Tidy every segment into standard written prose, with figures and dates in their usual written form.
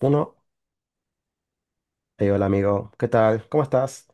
Uno, hola amigo, ¿qué tal? ¿Cómo estás?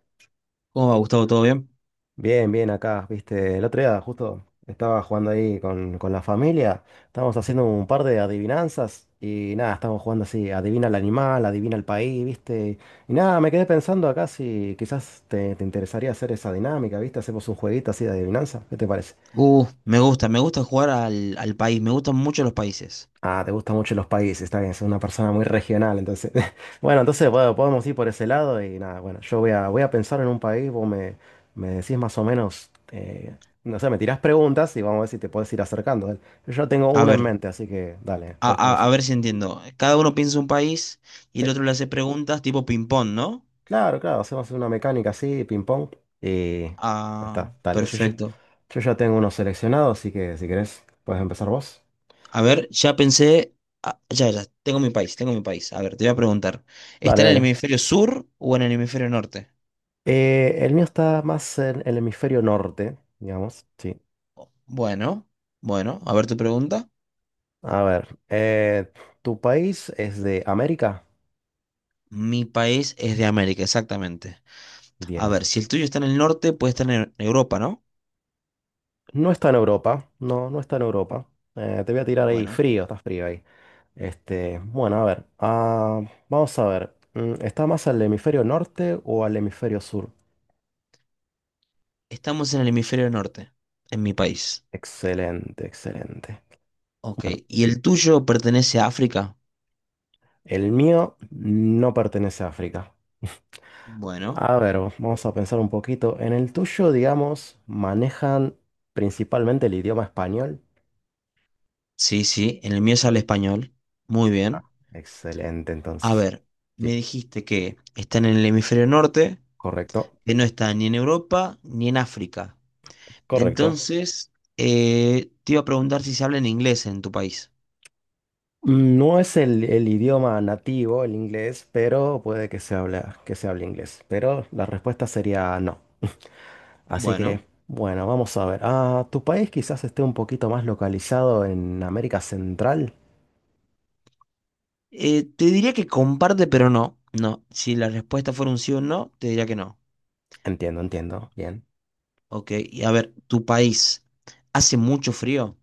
¿Cómo va, Gustavo? ¿Todo bien? Bien, bien acá, viste, el otro día justo estaba jugando ahí con la familia, estábamos haciendo un par de adivinanzas y nada, estábamos jugando así, adivina el animal, adivina el país, viste, y nada, me quedé pensando acá si quizás te interesaría hacer esa dinámica, viste, hacemos un jueguito así de adivinanza, ¿qué te parece? Me gusta jugar al, al país, me gustan mucho los países. Ah, te gustan mucho los países, está bien, es una persona muy regional, entonces. Bueno, entonces bueno, podemos ir por ese lado y nada, bueno, voy a pensar en un país, vos me, me decís más o menos, no sé, me tirás preguntas y vamos a ver si te puedes ir acercando. Yo tengo A una en ver, mente, así que dale, a, puedes a- comenzar. a ver si entiendo. Cada uno piensa un país y Sí, el otro le hace preguntas tipo ping-pong, ¿no? claro, hacemos una mecánica así, ping-pong, y ya Ah, está, tal. Perfecto. Yo ya tengo unos seleccionados, así que si querés, puedes empezar vos. A ver, ya pensé, ah, ya, ya, tengo mi país, tengo mi país. A ver, te voy a preguntar, Dale, ¿está en el dale. hemisferio sur o en el hemisferio norte? El mío está más en el hemisferio norte, digamos, sí. Bueno, bueno, a ver tu pregunta. A ver, ¿tu país es de América? Mi país es de América, exactamente. A Bien. ver, si el tuyo está en el norte, puede estar en Europa, ¿no? No está en Europa, no está en Europa. Te voy a tirar ahí Bueno. frío, está frío ahí. Este, bueno, a ver, vamos a ver. ¿Está más al hemisferio norte o al hemisferio sur? Estamos en el hemisferio norte, en mi país. Excelente, excelente. Ok. Bueno, ¿Y el tuyo pertenece a África? el mío no pertenece a África. Bueno, A ver, vamos a pensar un poquito. En el tuyo, digamos, manejan principalmente el idioma español. sí, sí. En el mío se habla español. Muy bien. Excelente, A entonces. ver, me Sí. dijiste que están en el hemisferio norte, Correcto, que no está ni en Europa ni en África. correcto. Entonces, te iba a preguntar si se habla en inglés en tu país. No es el idioma nativo, el inglés, pero puede que se habla, que se hable inglés. Pero la respuesta sería no. Así que, Bueno, bueno, vamos a ver. Ah, tu país quizás esté un poquito más localizado en América Central. Te diría que comparte, pero no. No. Si la respuesta fuera un sí o un no, te diría que no. Entiendo, entiendo. Bien. Ok. Y a ver, ¿tu país hace mucho frío?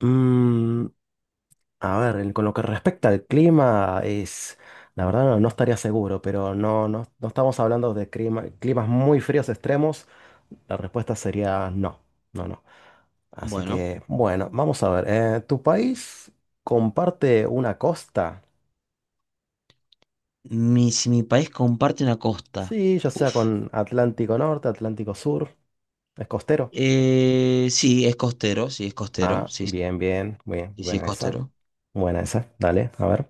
Mm, A ver, con lo que respecta al clima, es, la verdad no, no estaría seguro, pero no, no, no estamos hablando de climas muy fríos extremos. La respuesta sería no, no, no. Así Bueno, que, bueno, vamos a ver. ¿Tu país comparte una costa? mi, si mi país comparte una costa. Sí, ya sea Uf. con Atlántico Norte, Atlántico Sur, es costero. Sí, es costero, sí, es costero, Ah, sí, bien, sí, bien, bien, sí, es buena esa. costero. Buena esa, dale, a ver.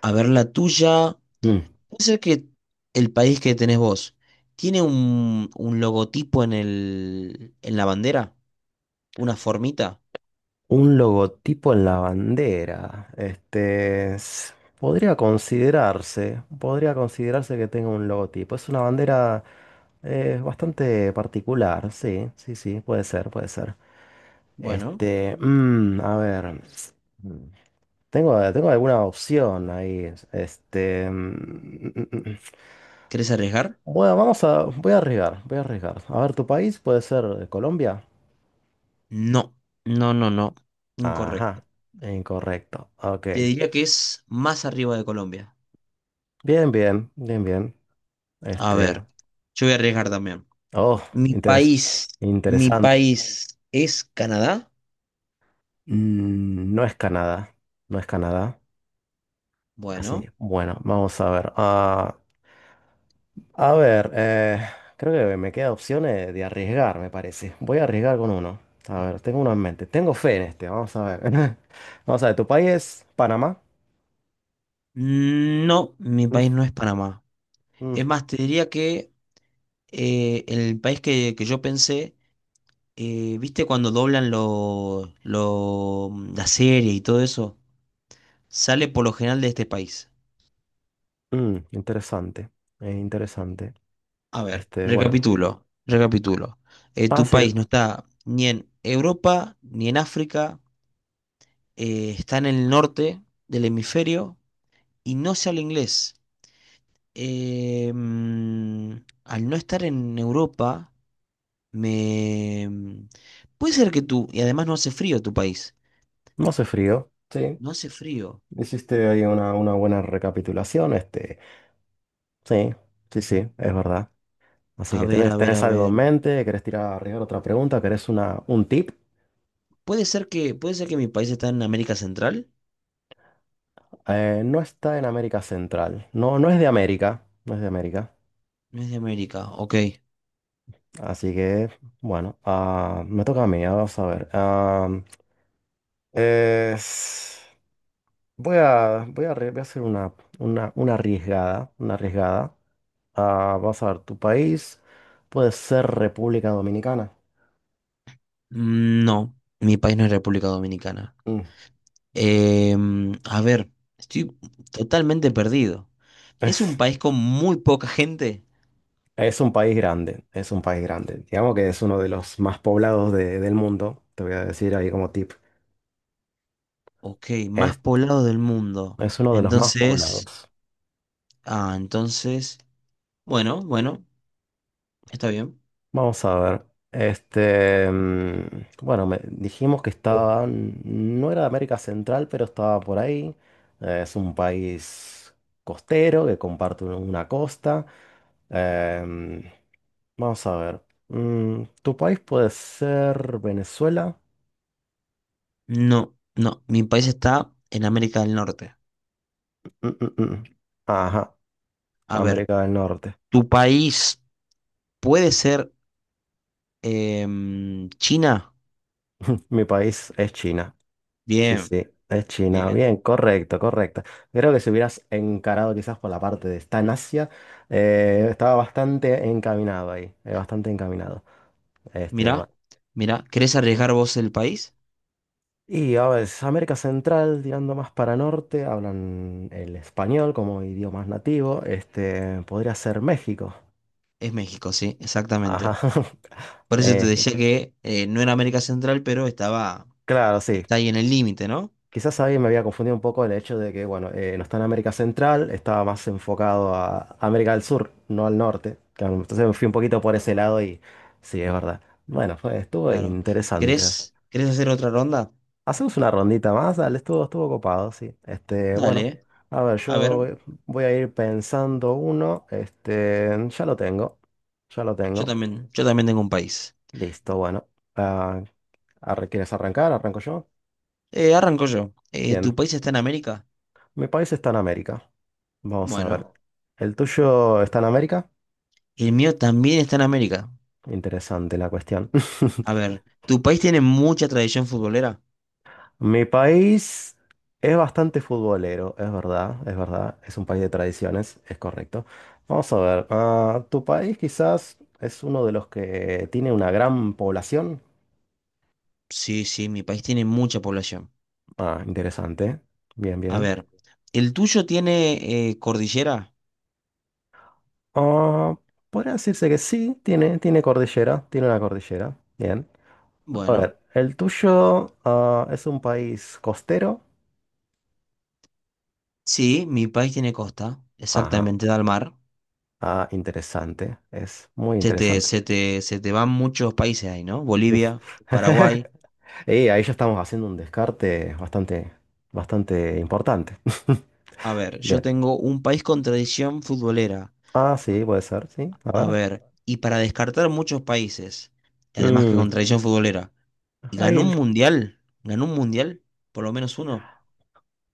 A ver, la tuya, Mm. puede ser que el país que tenés vos tiene un logotipo en el, en la bandera, una formita. Un logotipo en la bandera. Podría considerarse que tenga un logotipo. Es una bandera bastante particular, sí, sí, sí, puede ser, puede ser. Bueno, A ver, mm, tengo, tengo alguna opción ahí. ¿Querés arriesgar? Bueno, vamos a, voy a arriesgar, voy a arriesgar. A ver, tu país puede ser Colombia. No, no, no, no, incorrecto. Ajá, incorrecto. Ok. Te diría que es más arriba de Colombia. Bien, bien, bien, bien. A Este, ver, yo voy a arriesgar también. oh, Mi interes- país, mi interesante. país es Canadá. No es Canadá, no es Canadá. Así, Bueno, bueno, vamos a ver. Ah, a ver, creo que me queda opciones de arriesgar, me parece. Voy a arriesgar con uno. A ver, tengo uno en mente. Tengo fe en este, vamos a ver. Vamos a ver, ¿tu país es Panamá? no, mi Mm. país no es Panamá. Mm, Es más, te diría que el país que yo pensé, viste cuando doblan lo, la serie y todo eso, sale por lo general de este país. Interesante, interesante. A ver, Este, bueno, recapitulo, recapitulo. Tu hace, país no está ni en Europa ni en África, está en el norte del hemisferio y no se habla inglés. eh, mm, Al no estar en Europa, me... mm, puede ser que tú, y además no hace frío tu país, no hace frío. Sí, no hace frío. hiciste ahí una buena recapitulación. Este, sí, sí, sí, es verdad. Así A que ver, tenés, a ver, tenés a algo en ver. mente, querés tirar arriba otra pregunta, querés una, un tip. Puede ser que mi país está en América Central, No está en América Central. No, no es de América. No es de América. no es de América, ok. Así que, bueno, ah, me toca a mí, ah, vamos a ver. Ah, es- voy a, voy a hacer una arriesgada. Una arriesgada. Ah, vas a ver, tu país puede ser República Dominicana. No, mi país no es República Dominicana. Mm, A ver, estoy totalmente perdido. Es un es- país con muy poca gente, Es un país grande, es un país grande. Digamos que es uno de los más poblados del mundo. Te voy a decir ahí como tip. ok, más Es, poblado del mundo. es uno de los más Entonces, poblados. Entonces... Bueno, bueno, está bien. Vamos a ver. Bueno, dijimos que estaba, no era de América Central, pero estaba por ahí. Es un país costero que comparte una costa. Em, vamos a ver. Mm, ¿tu país puede ser Venezuela? No, no, mi país está en América del Norte. Mm, mm, mm. Ajá, A ver, América del Norte. ¿tu país puede ser China? Mi país es China. Sí, Bien, sí, es China. bien. Bien, correcto, correcto. Creo que si hubieras encarado quizás por la parte de está en Asia, estaba bastante encaminado ahí, bastante encaminado. Este, Mirá, bueno. mirá, ¿querés arriesgar vos el país? Y a ver, es América Central, tirando más para norte, hablan el español como idioma nativo. Este, podría ser México. Es México, sí, exactamente. Ajá. Por eso te Eh, decía que no era América Central, pero estaba, claro, sí. está ahí en el límite, ¿no? Quizás ahí me había confundido un poco el hecho de que, bueno, no está en América Central, estaba más enfocado a América del Sur, no al norte. Claro, entonces me fui un poquito por ese lado y sí, es verdad. Bueno, fue, estuvo Claro. interesante. ¿Querés, querés hacer otra ronda? Hacemos una rondita más, dale, estuvo, estuvo copado, sí. Este, bueno, Dale, a ver, a yo ver, voy, voy a ir pensando uno, este, ya lo tengo, yo también tengo un país. listo, bueno. Ah, ¿quieres arrancar? Arranco yo. Arranco yo. Bien, ¿Tu país está en América? mi país está en América. Vamos a ver. Bueno, ¿El tuyo está en América? el mío también está en América. Interesante la cuestión. A ver, ¿tu país tiene mucha tradición futbolera? Mi país es bastante futbolero, es verdad, es verdad. Es un país de tradiciones, es correcto. Vamos a ver. ¿Tu país quizás es uno de los que tiene una gran población? Sí, sí, mi país tiene mucha población. Ah, interesante. Bien, A bien. ver, ¿el tuyo tiene cordillera? Ah, podría decirse que sí, tiene, tiene cordillera, tiene una cordillera. Bien. A Bueno, ver, ¿el tuyo, ah, es un país costero? sí, mi país tiene costa, Ajá. exactamente, da al mar. Ah, interesante. Es muy Se te, interesante. se te, se te van muchos países ahí, ¿no? Bolivia, Paraguay. Y ahí ya estamos haciendo un descarte bastante, bastante importante. A ver, yo Bien. tengo un país con tradición futbolera. Ah, sí, puede ser, sí. A A ver. ver, y para descartar muchos países, y además que Mm, con tradición futbolera, ahí, ¿ganó un mundial? ¿Ganó un mundial? ¿Por lo menos uno?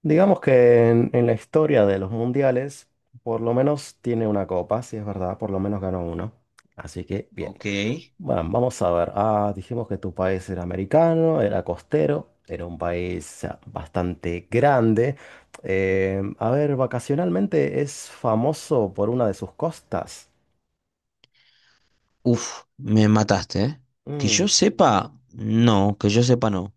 digamos que en la historia de los mundiales, por lo menos tiene una copa, si es verdad, por lo menos ganó uno. Así que, bien. Ok. Bueno, vamos a ver. Ah, dijimos que tu país era americano, era costero, era un país ah, bastante grande. A ver, vacacionalmente es famoso por una de sus costas. Uf, me mataste, ¿eh? Que yo Mm, sepa, no, que yo sepa, no.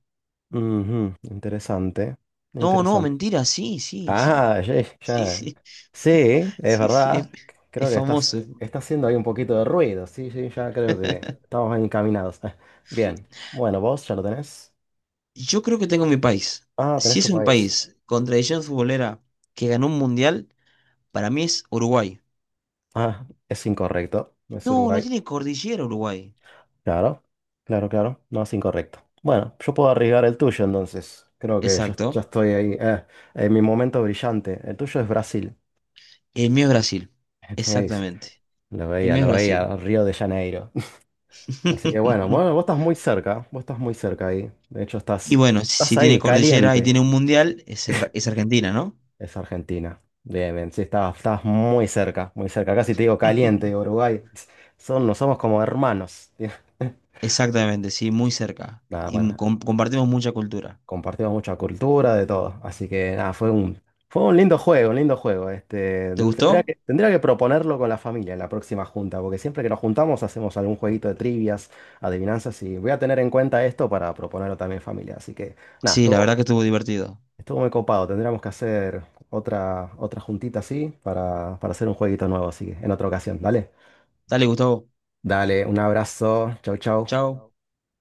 interesante, No, no, interesante. mentira, sí, sí, sí. Ah, ya, Sí, ya. sí, Sí, es sí, sí, verdad. Creo es que estás, famoso. está haciendo ahí un poquito de ruido. Sí, sí, ya creo que estamos encaminados. Bien, bueno, vos ya lo tenés. Yo creo que tengo mi país. Ah, tenés Si es tu un país. país con tradición futbolera que ganó un mundial, para mí es Uruguay. Ah, es incorrecto. Es No, no Uruguay. tiene cordillera Uruguay. Claro, claro, claro. No es incorrecto. Bueno, yo puedo arriesgar el tuyo entonces. Creo que ya, ya Exacto. estoy ahí. Eh, en mi momento brillante. El tuyo es Brasil. El mío es Brasil, ¿Veis? exactamente. Lo El veía, mío es lo Brasil. veía. Río de Janeiro. Así que bueno, bueno, vos estás muy cerca. Vos estás muy cerca ahí. De hecho, Y estás, bueno, si, estás si tiene ahí, cordillera y caliente. tiene un mundial, es, es Argentina, ¿no? Es Argentina. Bien, bien. Sí, estás, estás muy cerca, muy cerca. Casi te digo caliente, Uruguay. Son, no somos como hermanos. Exactamente, sí, muy cerca. Nada, Y bueno, compartimos mucha cultura. compartimos mucha cultura, de todo. Así que nada, fue un lindo juego, un lindo juego. Este, ¿Te gustó? Tendría que proponerlo con la familia en la próxima junta, porque siempre que nos juntamos hacemos algún jueguito de trivias, adivinanzas, y voy a tener en cuenta esto para proponerlo también en familia. Así que nada, Sí, la estuvo, verdad que estuvo divertido. estuvo muy copado. Tendríamos que hacer otra, otra juntita así para hacer un jueguito nuevo, así que en otra ocasión, dale. Dale, Gustavo. Dale, un abrazo. Chau, chau. Chao.